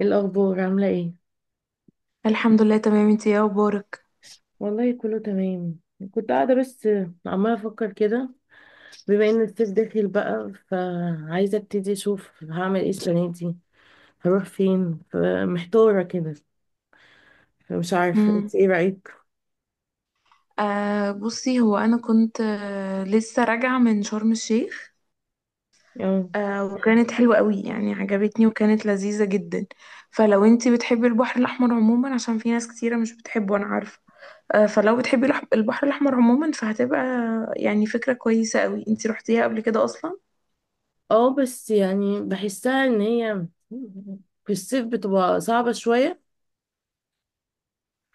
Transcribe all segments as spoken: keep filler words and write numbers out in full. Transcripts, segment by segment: إيه الاخبار؟ عامله ايه؟ الحمد لله، تمام. انتي ايه اخبارك؟ والله كله تمام. كنت قاعده بس عماله افكر كده. بما ان الصيف داخل بقى فعايزه ابتدي اشوف هعمل ايه السنه دي. هروح فين؟ فمحتاره كده. فمش عارفه، امم انت ايه رايك؟ آه بصي هو انا كنت آه لسه راجعه من شرم الشيخ. اه، آه وكانت حلوه قوي، يعني عجبتني وكانت لذيذه جدا. فلو انتي بتحبي البحر الاحمر عموما، عشان في ناس كتيره مش بتحبه انا عارفه. آه فلو بتحبي الح- البحر الاحمر عموما فهتبقى يعني فكره كويسه قوي. انتي روحتيها قبل كده اصلا؟ اه بس يعني بحسها ان هي في الصيف بتبقى صعبه شويه.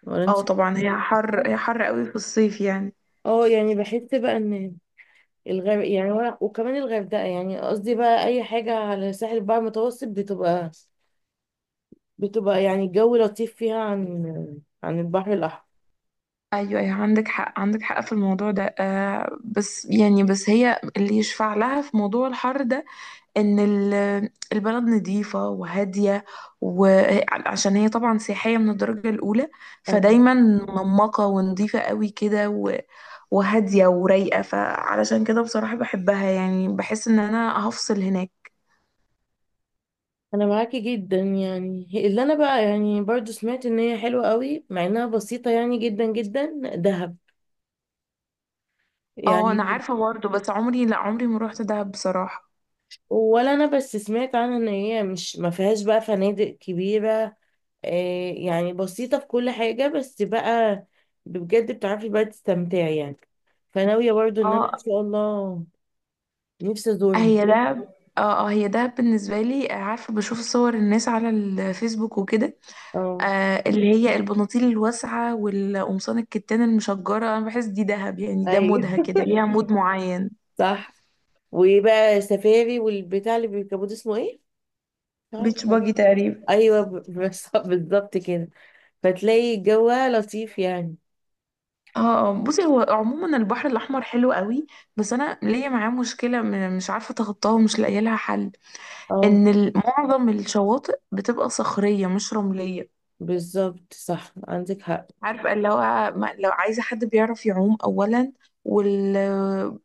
ولا انت اه طبعا، هي حر شايفة؟ هي حر قوي في الصيف يعني. اه يعني بحس بقى ان الغرب يعني ولا- وكمان الغردقه، يعني قصدي بقى اي حاجه على ساحل البحر المتوسط بتبقى بتبقى يعني الجو لطيف فيها عن عن البحر الأحمر. ايوه، ايوه، عندك حق، عندك حق في الموضوع ده. آه بس يعني بس هي اللي يشفع لها في موضوع الحر ده، ان ال- البلد نظيفه وهاديه، وعشان هي طبعا سياحيه من الدرجه الاولى، أه. فدايما منمقه ونظيفه قوي كده و- وهاديه ورايقه. فعلشان كده بصراحه بحبها، يعني بحس ان انا هفصل هناك. انا معاكي جدا يعني. اللي انا بقى يعني برضو سمعت ان هي حلوة قوي، مع انها بسيطة يعني، جدا جدا دهب اه انا يعني. عارفه برضه، بس عمري، لا، عمري ما روحت دهب بصراحه. ولا انا بس سمعت عنها ان هي مش ما فيهاش بقى فنادق كبيرة. آه، يعني بسيطة في كل حاجة، بس بقى بجد بتعرفي بقى تستمتعي يعني. فناوية برضو ان انا ان اه شاء الله نفسي ازورها. هي ده. اه، اه، هي ده بالنسبة لي. آه، عارفة بشوف صور الناس على الفيسبوك وكده. اه، آه اللي هي البناطيل الواسعة والقمصان الكتان المشجرة، انا بحس دي دهب يعني، ده مودها ايوه. كده، ليها مود معين. صح. وبقى سفاري والبتاع اللي بيركبوه ده اسمه ايه؟ مش بيتش عارفة. باجي تقريبا. ايوه، ب- بس- بالظبط كده. فتلاقي جوها لطيف يعني. اه، اه، بصي هو عموما البحر الأحمر حلو قوي، بس أنا ليا معاه مشكلة م- مش عارفة أتخطاها ومش لاقية لها حل. اه إن ال- معظم الشواطئ بتبقى صخرية مش رملية. بالظبط، صح، عندك حق. عارفة اللي هو، ما- لو عايزة حد بيعرف يعوم أولا، وال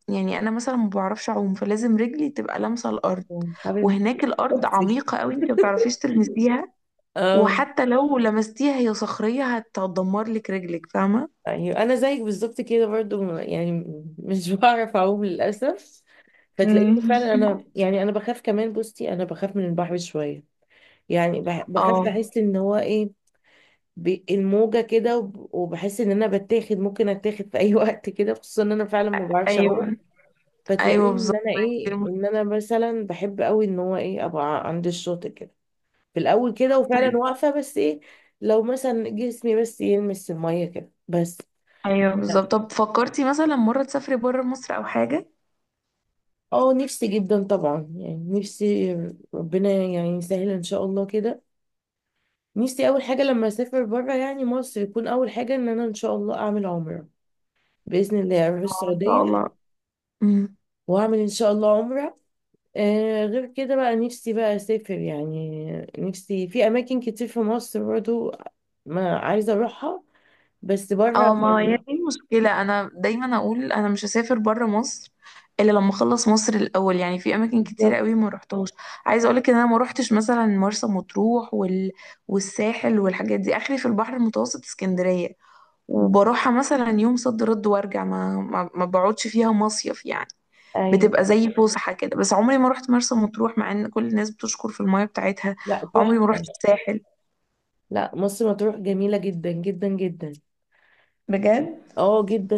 يعني أنا مثلا ما بعرفش أعوم، فلازم رجلي تبقى لامسة الأرض، حبيبتي. وهناك الأرض اختي. عميقة قوي، أنت ما بتعرفيش تلمسيها، اه. وحتى لو لمستيها هي صخرية هتدمر لك رجلك، فاهمة؟ ايوه انا زيك بالظبط كده برضو يعني، مش بعرف اعوم للاسف. فتلاقيني امم. فعلا انا يعني، انا بخاف كمان. بصي انا بخاف من البحر شويه يعني. بح- بخاف، اه. بحس ان هو ايه، ب- الموجه كده، وب- وبحس ان انا بتاخد، ممكن اتاخد في اي وقت كده، خصوصا ان انا فعلا ما بعرفش اعوم. ايوه. فتلاقيني أيوه ان بالظبط، انا دي ايه، المشكلة. ان انا مثلا بحب قوي ان هو ايه، ابقى عند الشاطئ كده. في الاول كده وفعلا طيب. واقفه، بس ايه، لو مثلا جسمي بس يلمس الميه كده بس. أيوه بالظبط، طب فكرتي مثلا مرة تسافري بره مصر أو حاجة؟ اه نفسي جدا طبعا يعني، نفسي ربنا يعني يسهل ان شاء الله كده. نفسي اول حاجه لما اسافر بره يعني مصر، يكون اول حاجه ان انا ان شاء الله اعمل عمره. باذن الله اروح آه، ان شاء السعوديه الله. مم. واعمل ان شاء الله عمره. آه غير كده بقى نفسي بقى اسافر يعني. نفسي في اماكن كتير في مصر برضو ما عايزه اروحها، بس اه، بره ما هي يعني. دي المشكلة. أنا دايما أقول أنا مش هسافر برا مصر إلا لما أخلص مصر الأول، يعني في أماكن كتيرة بالظبط. قوي ما روحتهاش. عايزة أقولك إن أنا ما روحتش مثلا مرسى مطروح وال... والساحل والحاجات دي، آخري في البحر المتوسط اسكندرية، وبروحها مثلا يوم صد رد وأرجع، ما... ما... ما بقعدش فيها مصيف يعني. ايوه. بتبقى زي فسحة كده، بس عمري ما روحت مرسى مطروح مع إن كل الناس بتشكر في المية بتاعتها. لا، عمري ما تحفه. روحت الساحل. لا، مصر مطروح جميله جدا جدا جدا. بجد. اه جدا،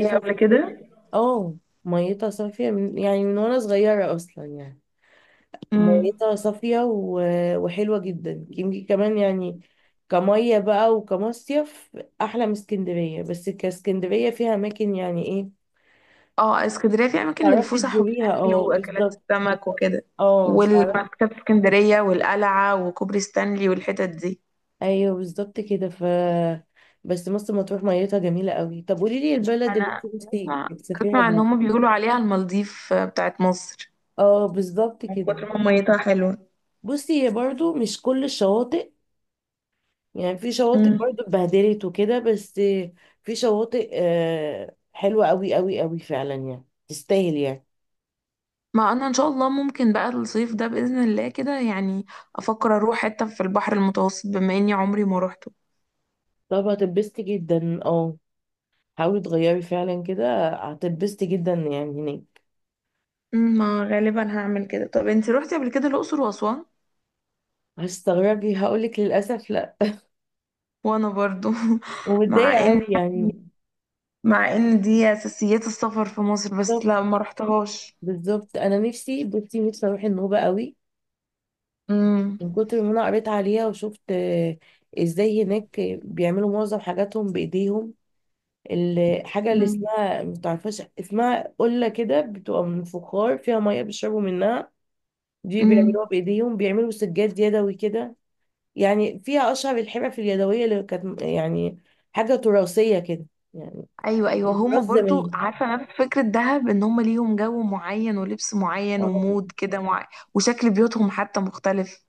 إيه قبل صافيه. كده؟ اه، ميتها صافيه من يعني من وانا صغيره اصلا يعني. مم. ميتها صافية و- وحلوة جدا. يمكن كمان يعني كمية بقى، وكمصيف أحلى من اسكندرية، بس كاسكندرية فيها أماكن يعني إيه اه، اسكندرية فيها أماكن تعرفي للفسح تزوريها. والأكل اه وأكلات بالظبط. السمك وكده، اه تعرفي. وبعد كده في اسكندرية والقلعة وكوبري ستانلي والحتت دي. أيوه بالظبط كده. ف بس مرسى مطروح ميتها جميلة قوي. طب قولي لي البلد اللي أنا انت نفسك بسمع، تسافريها بسمع إن بقى. هما بيقولوا عليها المالديف بتاعت مصر اه بالظبط من كده. كتر ما ميتها حلوة. بصي هي برضو مش كل الشواطئ يعني، في شواطئ مم. برضو اتبهدلت وكده، بس في شواطئ آه، حلوة قوي قوي قوي فعلا يعني، تستاهل يعني. ما أنا إن شاء الله ممكن بقى الصيف ده بإذن الله كده يعني أفكر أروح حتة في البحر المتوسط بما إني عمري ما روحته. طب هتتبسطي جدا، اه. حاولي تغيري فعلا كده، هتتبسطي جدا يعني هناك. مم، ما غالبا هعمل كده. طب انتي روحتي قبل كده الأقصر وأسوان؟ هتستغربي هقولك، للأسف لا. وأنا برضو مع ومتضايقة إن قوي يعني. يعني، مع ان دي اساسيات السفر في مصر، بس بالظبط. لا ما رحتهاش. بالظبط. أنا نفسي، بصي نفسي أروح النوبة قوي، امم. من كتر ما أنا قريت عليها وشفت آه، إزاي هناك بيعملوا معظم حاجاتهم بإيديهم. الحاجة اللي امم. اسمها متعرفهاش، اسمها قلة كده، بتبقى من فخار فيها مية بيشربوا منها، دي أمم. بيعملوها بإيديهم. بيعملوا سجاد يدوي كده. يعني فيها أشهر الحرف اليدوية اللي كانت يعني حاجة تراثية كده يعني، ايوه، ايوه، هما تراث برضو زمان. عارفه نفس فكره دهب، ان هما ليهم جو معين ولبس معين اه ومود كده معين، وشكل بيوتهم حتى مختلف.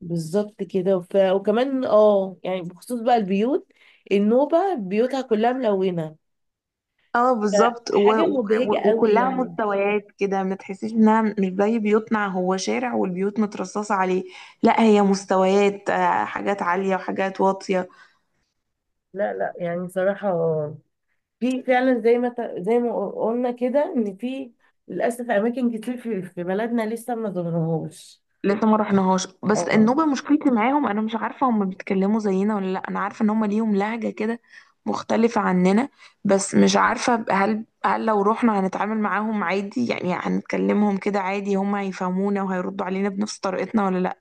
بالظبط كده. ف... وكمان اه يعني بخصوص بقى البيوت، النوبة بيوتها كلها ملونة، اه بالظبط، و... فحاجة و... مبهجة قوي وكلها يعني. مستويات كده، ما تحسيش انها مش زي بيوتنا، هو شارع والبيوت مترصصه عليه. لا هي مستويات، آه، حاجات عاليه وحاجات واطيه. لا لا يعني صراحة، في فعلا زي ما ت- زي ما قلنا كده، ان في للاسف اماكن كتير في في بلدنا لسه ما ظهرهوش. لسه ما رحناهاش. بس اه، النوبة مشكلتي معاهم انا مش عارفة هم بيتكلموا زينا ولا لا. انا عارفة ان هم ليهم لهجة كده مختلفة عننا، بس مش عارفة، هل هل لو رحنا هنتعامل معاهم عادي، يعني هنتكلمهم كده عادي، هم هيفهمونا وهيردوا علينا بنفس طريقتنا ولا لا؟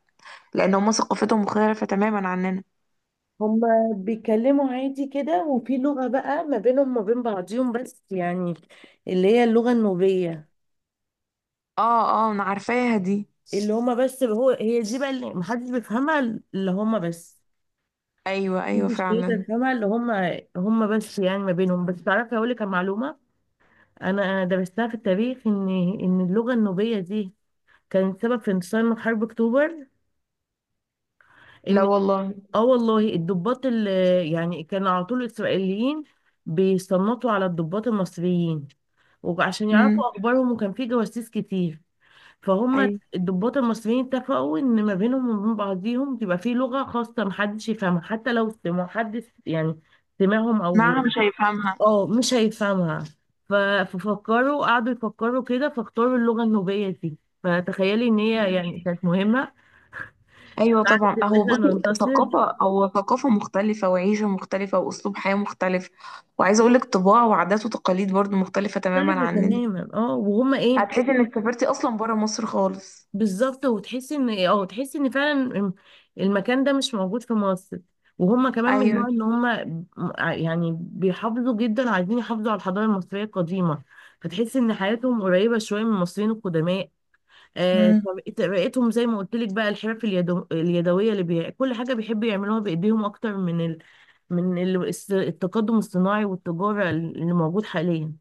لان هم ثقافتهم مختلفة تماما عننا. هما بيتكلموا عادي كده، وفي لغة بقى ما بينهم وما بين بعضيهم بس يعني، اللي هي اللغة النوبية. اه، اه، انا عارفاها دي. اللي هما بس هو هي دي بقى اللي محدش بيفهمها. اللي هما بس ايوه، ايوه، محدش بيقدر فعلا. يفهمها. اللي هما هما بس يعني ما بينهم بس. تعرفي اقول لك على معلومة، انا درستها في التاريخ، ان ان اللغة النوبية دي كانت سبب في انتصار حرب اكتوبر. لا ان والله. اه والله الضباط اللي يعني، كان على طول الاسرائيليين بيصنطوا على الضباط المصريين، وعشان امم. يعرفوا اخبارهم، وكان في جواسيس كتير. فهم ايوه. الضباط المصريين اتفقوا ان ما بينهم وبين بعضيهم تبقى في لغة خاصة محدش يفهمها، حتى لو ما حدش يعني سمعهم معها او مش هيفهمها. اه مش هيفهمها. ف- ففكروا، قعدوا يفكروا كده، فاختاروا اللغة النوبية دي. فتخيلي ان هي يعني كانت مهمة ايوه طبعا. ان هو احنا بصي ننتصر. ثقافه، او ثقافه مختلفه وعيشه مختلفه واسلوب حياه مختلف، وعايزه اقول لك طباع وعادات وتقاليد برضو مختلفه تماما مختلفة عننا. تماما اه. وهما ايه، هتحسي انك سافرتي اصلا بره مصر خالص. بالظبط. وتحسي ان إيه، اه تحسي ان فعلا المكان ده مش موجود في مصر. وهما كمان من ايوه. النوع ان هما ع- يعني بيحافظوا جدا، عايزين يحافظوا على الحضارة المصرية القديمة. فتحسي ان حياتهم قريبة شوية من المصريين القدماء. آه، امم. طريقة- طريقتهم زي ما قلت لك بقى، الحرف اليدو... اليدوية اللي بي... كل حاجة بيحبوا يعملوها بإيديهم أكتر من ال... من ال... الس- التقدم الصناعي والتجارة اللي موجود حاليا.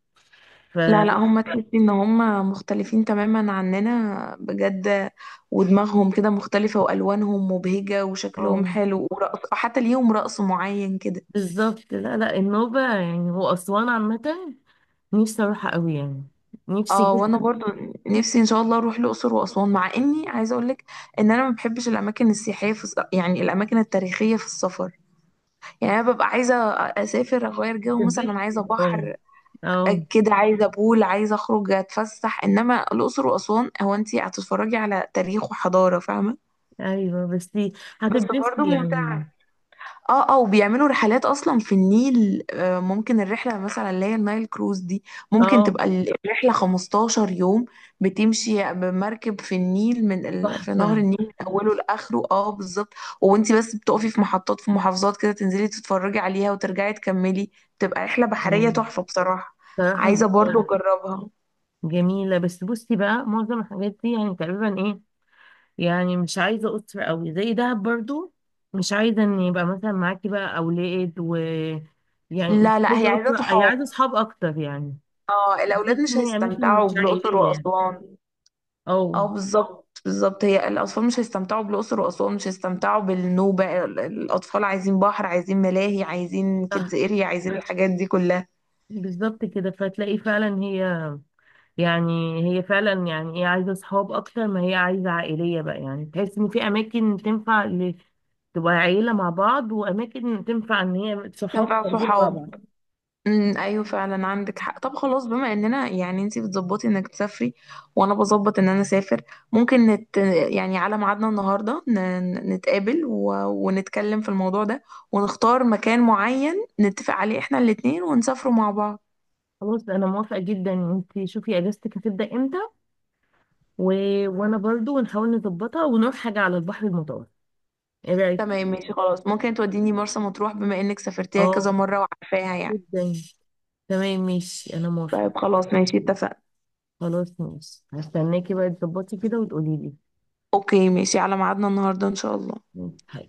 ف لا، لا، هم تحسي ان هم مختلفين تماما عننا بجد، ودماغهم كده مختلفه والوانهم مبهجه وشكلهم اه حلو، ورقص حتى ليهم رقص معين كده. بالظبط. لا لا، النوبة يعني هو أسوان عامة، نفسي أروحها أوي يعني، نفسي اه وانا جدا. برضو نفسي ان شاء الله اروح الاقصر واسوان، مع اني عايزه اقول لك ان انا ما بحبش الاماكن السياحيه في الس- يعني الاماكن التاريخيه في السفر. يعني انا ببقى عايزه اسافر اغير جو، هتتبسطي مثلا عايزه اه. بحر، آه، اه كده عايزه بول، عايزه اخرج اتفسح. انما الاقصر واسوان، هو انت هتتفرجي على تاريخ وحضاره، فاهمه؟ أيوه بس بس برضو هتتبسطي يعني. ممتعه. اه، اه، وبيعملوا رحلات اصلا في النيل. آه، ممكن الرحله مثلا اللي هي النايل كروز دي، ممكن اه تبقى ال- الرحله 15 يوم. بتمشي بمركب في النيل من ال... في نهر تحفة. النيل من اوله لاخره. اه بالظبط. وانتي بس بتقفي في محطات في محافظات كده، تنزلي تتفرجي عليها وترجعي تكملي. بتبقى رحله بحريه اه تحفه بصراحه. صراحة عايزه برضو ج- اجربها. جميلة. بس بصي بقى معظم الحاجات دي يعني تقريبا ايه، يعني مش عايزة أسرة أوي زي دهب برضو. مش عايزة إن يبقى مثلا معاكي بقى أولاد، و يعني مش لا، لا، هي عايزة عايزه أسرة، أي صحاب. عايزة أصحاب أكتر يعني. اه، بحس الاولاد مش إن هي أماكن هيستمتعوا مش بالاقصر عائلية يعني. واسوان. اه، اه بالظبط، بالظبط، هي الاطفال مش هيستمتعوا بالاقصر واسوان، مش هيستمتعوا بالنوبه. ال- الاطفال عايزين بحر، عايزين ملاهي، عايزين كيدز صح. اريا، عايزين الحاجات دي كلها. بالظبط كده. فتلاقي فعلا هي يعني، هي فعلا يعني ايه، عايزه اصحاب اكتر ما هي عايزه عائليه بقى يعني، تحس ان في اماكن تنفع ل- تبقى عيله مع بعض، واماكن تنفع ان هي كان صحاب فيها خارجين مع بعض. صحاب. امم، ايوه فعلا، عندك حق. طب خلاص، بما اننا يعني انتي بتظبطي انك تسافري وانا بظبط ان انا اسافر، ممكن نت يعني على ميعادنا النهارده ن... ن- نتقابل و... ونتكلم في الموضوع ده، ونختار مكان معين نتفق عليه احنا الاتنين ونسافروا مع بعض. خلاص، انا موافقه جدا. انت شوفي اجازتك هتبدا امتى، و... وانا برضو نحاول نظبطها ونروح حاجه على البحر المتوسط. ايه رايك؟ تمام ماشي خلاص، ممكن توديني مرسى مطروح بما انك سافرتيها اه كذا مرة وعارفاها يعني؟ جدا. تمام ماشي، انا موافقه. طيب خلاص ماشي، اتفقنا. خلاص ماشي، هستناكي بقى تظبطي كده وتقولي لي. اوكي ماشي، على ميعادنا النهاردة ان شاء الله. ماشي.